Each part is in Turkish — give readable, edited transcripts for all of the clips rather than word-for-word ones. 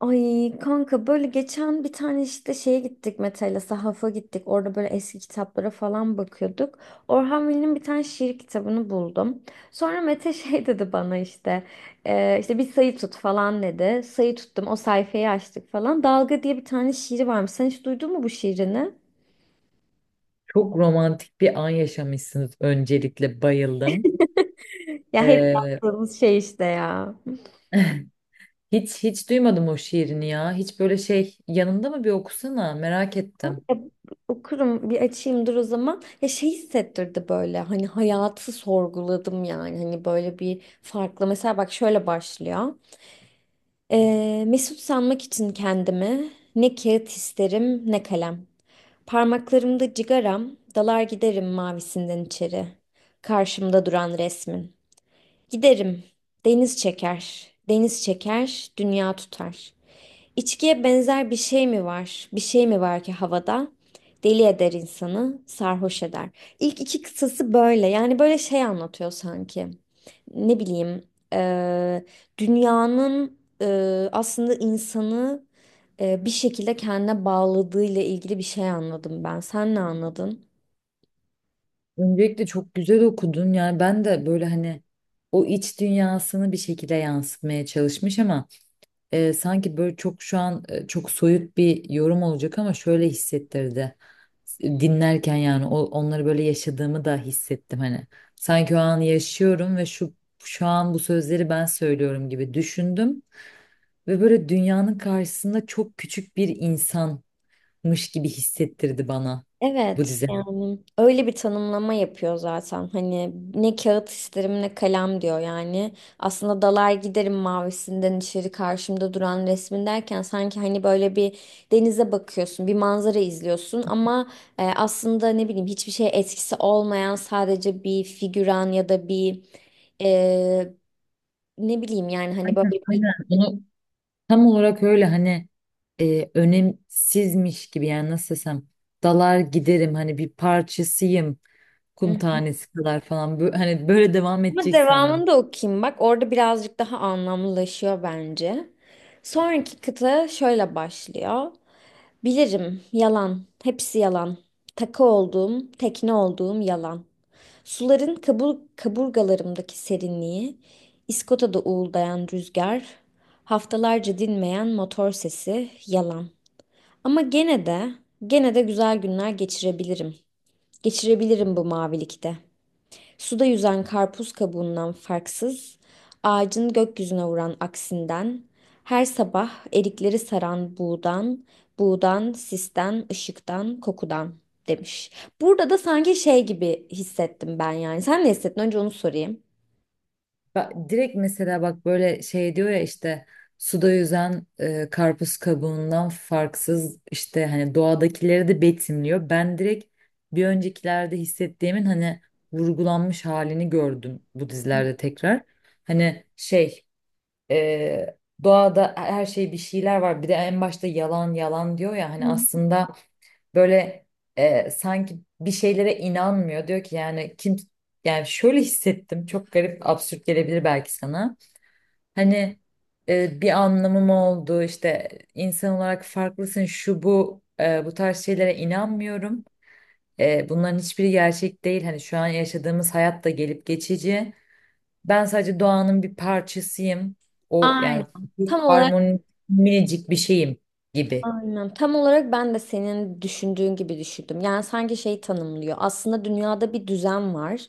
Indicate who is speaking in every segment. Speaker 1: Ay kanka böyle geçen bir tane işte şeye gittik, Mete'yle sahafa gittik. Orada böyle eski kitaplara falan bakıyorduk. Orhan Veli'nin bir tane şiir kitabını buldum. Sonra Mete şey dedi bana işte, işte bir sayı tut" falan dedi. Sayı tuttum, o sayfayı açtık falan. Dalga diye bir tane şiiri varmış. Sen hiç duydun mu bu şiirini?
Speaker 2: Çok romantik bir an yaşamışsınız, öncelikle bayıldım.
Speaker 1: Ya hep
Speaker 2: Ee,
Speaker 1: yaptığımız şey işte ya.
Speaker 2: hiç duymadım o şiirini ya. Hiç böyle şey, yanında mı, bir okusana, merak ettim.
Speaker 1: Ya, okurum, bir açayım dur o zaman. Ya şey hissettirdi böyle, hani hayatı sorguladım, yani hani böyle bir farklı. Mesela bak, şöyle başlıyor. Mesut sanmak için kendimi, ne kağıt isterim ne kalem. Parmaklarımda cigaram, dalar giderim mavisinden içeri. Karşımda duran resmin. Giderim. Deniz çeker. Deniz çeker, dünya tutar. İçkiye benzer bir şey mi var? Bir şey mi var ki havada? Deli eder insanı, sarhoş eder. İlk iki kıtası böyle. Yani böyle şey anlatıyor sanki. Ne bileyim, eee, dünyanın aslında insanı bir şekilde kendine bağladığıyla ilgili bir şey anladım ben. Sen ne anladın?
Speaker 2: Öncelikle çok güzel okudun, yani ben de böyle hani o iç dünyasını bir şekilde yansıtmaya çalışmış ama sanki böyle çok şu an çok soyut bir yorum olacak ama şöyle hissettirdi. Dinlerken yani onları böyle yaşadığımı da hissettim hani. Sanki o anı yaşıyorum ve şu an bu sözleri ben söylüyorum gibi düşündüm ve böyle dünyanın karşısında çok küçük bir insanmış gibi hissettirdi bana bu
Speaker 1: Evet,
Speaker 2: dizi.
Speaker 1: yani öyle bir tanımlama yapıyor zaten, hani ne kağıt isterim ne kalem diyor, yani aslında dalar giderim mavisinden içeri, karşımda duran resmin derken sanki hani böyle bir denize bakıyorsun, bir manzara izliyorsun ama e, aslında ne bileyim hiçbir şeye etkisi olmayan sadece bir figüran ya da bir e, ne bileyim yani hani böyle
Speaker 2: Aynen. Bunu tam olarak öyle hani önemsizmiş gibi, yani nasıl desem, dalar giderim, hani bir parçasıyım, kum
Speaker 1: bir.
Speaker 2: tanesi kadar falan. Hani böyle devam
Speaker 1: Ama
Speaker 2: edecek sandım.
Speaker 1: devamını da okuyayım bak. Orada birazcık daha anlamlılaşıyor bence. Sonraki kıta şöyle başlıyor. Bilirim, yalan, hepsi yalan. Takı olduğum, tekne olduğum yalan. Suların kaburgalarımdaki serinliği, İskota'da uğuldayan rüzgar, haftalarca dinmeyen motor sesi, yalan. Ama gene de, gene de güzel günler geçirebilirim. Geçirebilirim bu mavilikte. Suda yüzen karpuz kabuğundan farksız, ağacın gökyüzüne vuran aksinden, her sabah erikleri saran buğdan, sisten, ışıktan, kokudan demiş. Burada da sanki şey gibi hissettim ben yani. Sen ne hissettin? Önce onu sorayım.
Speaker 2: Direkt mesela bak, böyle şey diyor ya işte, suda yüzen karpuz kabuğundan farksız, işte hani doğadakileri de betimliyor. Ben direkt bir öncekilerde hissettiğimin hani vurgulanmış halini gördüm bu dizilerde tekrar. Hani şey Ee, Doğada her şey, bir şeyler var. Bir de en başta yalan yalan diyor ya, hani
Speaker 1: Hı.
Speaker 2: aslında böyle sanki bir şeylere inanmıyor. Diyor ki yani kim Yani şöyle hissettim. Çok garip, absürt gelebilir belki sana. Hani bir anlamım oldu işte, insan olarak farklısın, şu bu, bu tarz şeylere inanmıyorum. Bunların hiçbiri gerçek değil. Hani şu an yaşadığımız hayat da gelip geçici. Ben sadece doğanın bir parçasıyım. O
Speaker 1: Aynen.
Speaker 2: yani bir
Speaker 1: Tam olarak.
Speaker 2: harmoni, minicik bir şeyim gibi.
Speaker 1: Aynen. Tam olarak ben de senin düşündüğün gibi düşündüm. Yani sanki şey tanımlıyor. Aslında dünyada bir düzen var.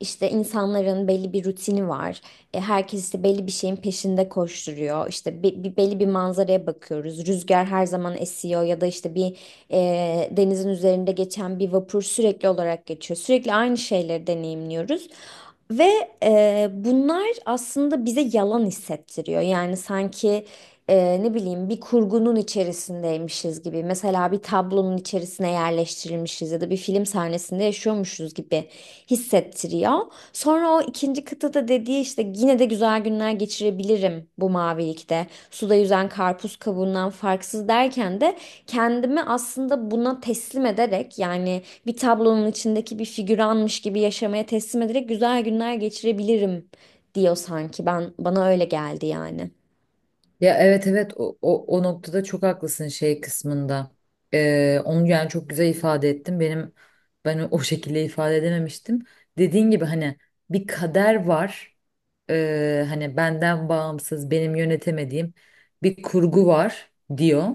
Speaker 1: İşte insanların belli bir rutini var. E, herkes işte belli bir şeyin peşinde koşturuyor. İşte bir, belli bir manzaraya bakıyoruz. Rüzgar her zaman esiyor ya da işte bir e, denizin üzerinde geçen bir vapur sürekli olarak geçiyor. Sürekli aynı şeyleri deneyimliyoruz. Ve e, bunlar aslında bize yalan hissettiriyor. Yani sanki e, ne bileyim bir kurgunun içerisindeymişiz gibi. Mesela bir tablonun içerisine yerleştirilmişiz ya da bir film sahnesinde yaşıyormuşuz gibi hissettiriyor. Sonra o ikinci kıtada dediği işte yine de güzel günler geçirebilirim bu mavilikte. Suda yüzen karpuz kabuğundan farksız derken de kendimi aslında buna teslim ederek, yani bir tablonun içindeki bir figüranmış gibi yaşamaya teslim ederek güzel günler geçirebilirim diyor sanki, ben bana öyle geldi yani.
Speaker 2: Ya, evet evet, o noktada çok haklısın şey kısmında. Onu yani çok güzel ifade ettin. Ben o şekilde ifade edememiştim. Dediğin gibi hani bir kader var. Hani benden bağımsız, benim yönetemediğim bir kurgu var diyor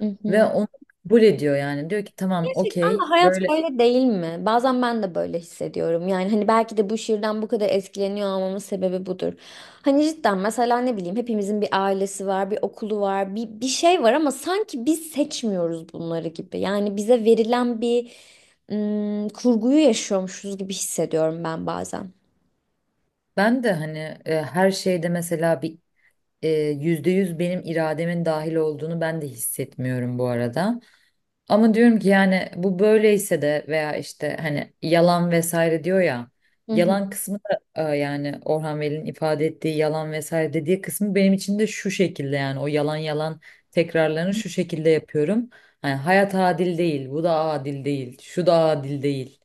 Speaker 1: Hı
Speaker 2: ve
Speaker 1: hı.
Speaker 2: onu kabul ediyor yani. Diyor ki tamam,
Speaker 1: Gerçekten de
Speaker 2: okey,
Speaker 1: hayat
Speaker 2: böyle.
Speaker 1: böyle değil mi? Bazen ben de böyle hissediyorum. Yani hani belki de bu şiirden bu kadar etkileniyor olmamın sebebi budur. Hani cidden mesela ne bileyim, hepimizin bir ailesi var, bir okulu var, bir, bir şey var ama sanki biz seçmiyoruz bunları gibi. Yani bize verilen bir kurguyu yaşıyormuşuz gibi hissediyorum ben bazen.
Speaker 2: Ben de hani her şeyde mesela bir e, %100 benim irademin dahil olduğunu ben de hissetmiyorum bu arada. Ama diyorum ki yani bu böyleyse de, veya işte hani yalan vesaire diyor ya,
Speaker 1: Hı hı.
Speaker 2: yalan kısmı da yani Orhan Veli'nin ifade ettiği yalan vesaire dediği kısmı benim için de şu şekilde. Yani o yalan yalan tekrarlarını şu şekilde yapıyorum. Hani hayat adil değil, bu da adil değil, şu da adil değil.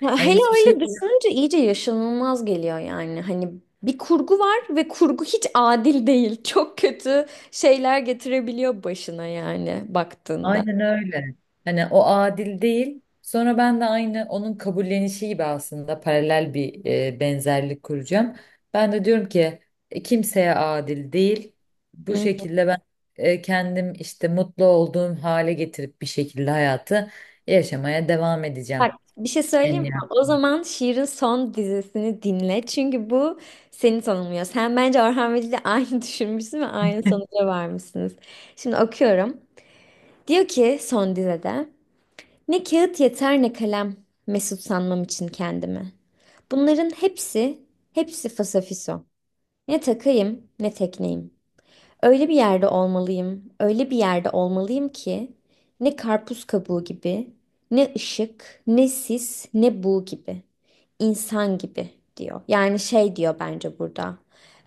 Speaker 1: Ya
Speaker 2: Hani
Speaker 1: hele
Speaker 2: hiçbir şey
Speaker 1: öyle düşününce iyice yaşanılmaz geliyor yani. Hani bir kurgu var ve kurgu hiç adil değil. Çok kötü şeyler getirebiliyor başına yani baktığında.
Speaker 2: Aynen öyle. Hani o adil değil. Sonra ben de aynı onun kabullenişi gibi aslında paralel bir benzerlik kuracağım. Ben de diyorum ki kimseye adil değil. Bu
Speaker 1: Hı.
Speaker 2: şekilde ben kendim işte mutlu olduğum hale getirip bir şekilde hayatı yaşamaya devam edeceğim.
Speaker 1: Bak, bir şey söyleyeyim mi? O zaman Şiir'in son dizisini dinle. Çünkü bu seni tanımlıyor. Sen bence Orhan Veli ile aynı düşünmüşsün ve aynı sonuca varmışsınız. Şimdi okuyorum. Diyor ki son dizede. Ne kağıt yeter ne kalem, mesut sanmam için kendimi. Bunların hepsi, hepsi fasafiso. Ne takayım ne tekneyim. Öyle bir yerde olmalıyım, öyle bir yerde olmalıyım ki ne karpuz kabuğu gibi, ne ışık, ne sis, ne bu gibi, insan gibi diyor. Yani şey diyor bence burada.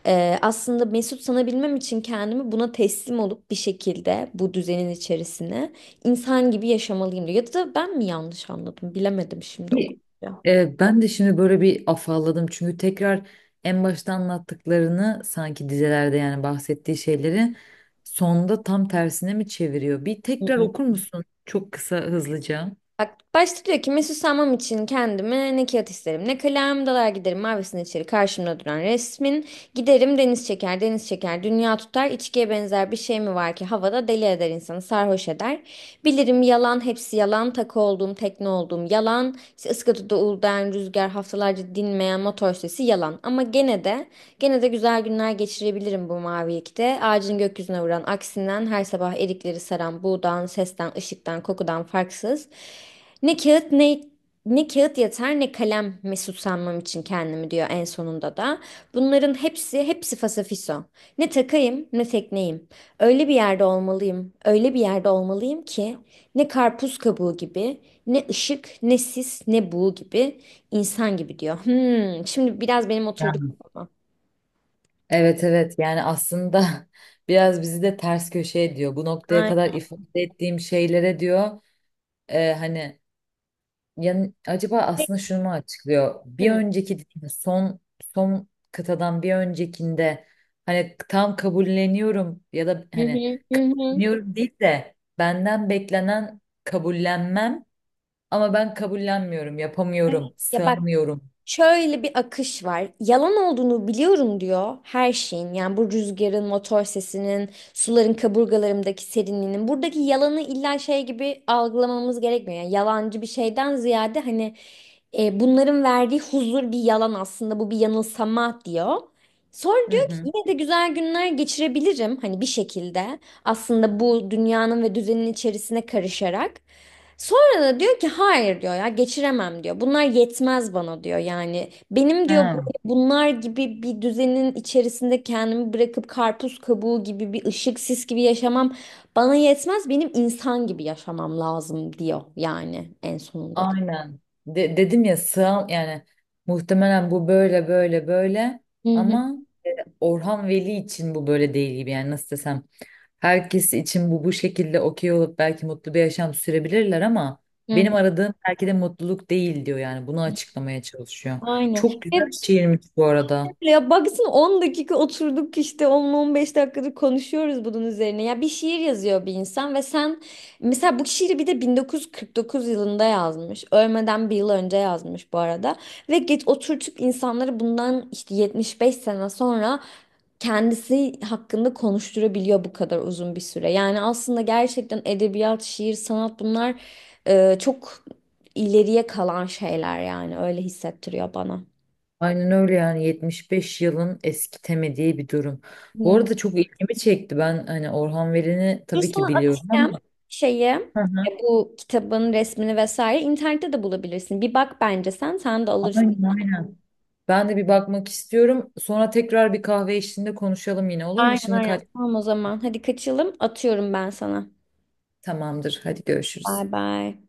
Speaker 1: Aslında mesut sanabilmem için kendimi buna teslim olup bir şekilde bu düzenin içerisine insan gibi yaşamalıyım diyor. Ya da ben mi yanlış anladım bilemedim şimdi o
Speaker 2: Bir- Ben de şimdi böyle bir afalladım, çünkü tekrar en başta anlattıklarını, sanki dizelerde yani bahsettiği şeyleri sonda tam tersine mi çeviriyor? Bir tekrar
Speaker 1: konuyu.
Speaker 2: okur musun? Çok kısa, hızlıca.
Speaker 1: Bak, başta diyor ki mesut sanmam için kendime ne kağıt isterim ne kalem, dalar giderim mavisine içeri, karşımda duran resmin giderim, deniz çeker deniz çeker dünya tutar, içkiye benzer bir şey mi var ki havada, deli eder insanı sarhoş eder, bilirim yalan hepsi yalan, takı olduğum tekne olduğum yalan, işte ıskatıda uğuldayan rüzgar, haftalarca dinmeyen motor sesi yalan, ama gene de gene de güzel günler geçirebilirim bu mavilikte. Ağacın gökyüzüne vuran aksinden, her sabah erikleri saran buğdan, sesten, ışıktan, kokudan farksız. Ne kağıt ne ne kağıt yeter ne kalem mesut sanmam için kendimi diyor en sonunda da. Bunların hepsi hepsi fasafiso. Ne takayım ne tekneyim. Öyle bir yerde olmalıyım. Öyle bir yerde olmalıyım ki ne karpuz kabuğu gibi, ne ışık, ne sis, ne buğu gibi, insan gibi diyor. Hmm, şimdi biraz benim
Speaker 2: Ya.
Speaker 1: oturduk.
Speaker 2: Evet evet, yani aslında biraz bizi de ters köşe ediyor. Bu noktaya
Speaker 1: Ay.
Speaker 2: kadar ifade ettiğim şeylere diyor hani. Yani acaba aslında şunu mu açıklıyor? Bir
Speaker 1: Hı
Speaker 2: önceki, son son kıtadan bir öncekinde, hani tam kabulleniyorum, ya da
Speaker 1: hı,
Speaker 2: hani
Speaker 1: hı. hı.
Speaker 2: kabulleniyorum değil de benden beklenen kabullenmem, ama ben kabullenmiyorum,
Speaker 1: Evet.
Speaker 2: yapamıyorum,
Speaker 1: Ya bak,
Speaker 2: sığamıyorum.
Speaker 1: şöyle bir akış var. Yalan olduğunu biliyorum diyor her şeyin. Yani bu rüzgarın, motor sesinin, suların kaburgalarımdaki serinliğinin. Buradaki yalanı illa şey gibi algılamamız gerekmiyor. Yani yalancı bir şeyden ziyade hani e, bunların verdiği huzur bir yalan aslında. Bu bir yanılsama diyor. Sonra
Speaker 2: Hı
Speaker 1: diyor ki
Speaker 2: hı.
Speaker 1: yine de güzel günler geçirebilirim, hani bir şekilde aslında bu dünyanın ve düzenin içerisine karışarak. Sonra da diyor ki hayır, diyor ya, geçiremem diyor. Bunlar yetmez bana diyor yani. Benim diyor
Speaker 2: Ha,
Speaker 1: böyle bunlar gibi bir düzenin içerisinde kendimi bırakıp karpuz kabuğu gibi, bir ışık sis gibi yaşamam bana yetmez. Benim insan gibi yaşamam lazım diyor yani en sonunda da.
Speaker 2: aynen. Dedim ya, sığam yani, muhtemelen bu böyle, böyle, böyle,
Speaker 1: Hı hı,
Speaker 2: ama Orhan Veli için bu böyle değil gibi. Yani nasıl desem, herkes için bu şekilde okey olup belki mutlu bir yaşam sürebilirler ama benim
Speaker 1: hı.
Speaker 2: aradığım belki de mutluluk değil diyor yani, bunu açıklamaya çalışıyor.
Speaker 1: Aynen.
Speaker 2: Çok güzel
Speaker 1: Ve
Speaker 2: şiirmiş bu arada.
Speaker 1: ya baksana 10 dakika oturduk, işte 10-15 dakikadır konuşuyoruz bunun üzerine. Ya bir şiir yazıyor bir insan ve sen, mesela bu şiiri bir de 1949 yılında yazmış. Ölmeden bir yıl önce yazmış bu arada. Ve geç oturtup insanları bundan işte 75 sene sonra kendisi hakkında konuşturabiliyor bu kadar uzun bir süre. Yani aslında gerçekten edebiyat, şiir, sanat bunlar e, çok ileriye kalan şeyler, yani öyle hissettiriyor bana.
Speaker 2: Aynen öyle, yani 75 yılın eskitemediği bir durum. Bu
Speaker 1: Hı.
Speaker 2: arada çok ilgimi çekti. Ben hani Orhan Veli'ni
Speaker 1: Dur
Speaker 2: tabii
Speaker 1: sana
Speaker 2: ki biliyorum
Speaker 1: atayım
Speaker 2: ama.
Speaker 1: şeyi.
Speaker 2: Hı hı.
Speaker 1: E, bu kitabın resmini vesaire internette de bulabilirsin. Bir bak, bence sen, sen de alırsın.
Speaker 2: Aynen aynen. Ben de bir bakmak istiyorum. Sonra tekrar bir kahve eşliğinde konuşalım yine, olur mu?
Speaker 1: Aynen
Speaker 2: Şimdi
Speaker 1: aynen.
Speaker 2: kaç
Speaker 1: Tamam, o zaman. Hadi kaçalım. Atıyorum ben sana.
Speaker 2: Tamamdır. Hadi
Speaker 1: Bay
Speaker 2: görüşürüz.
Speaker 1: bay.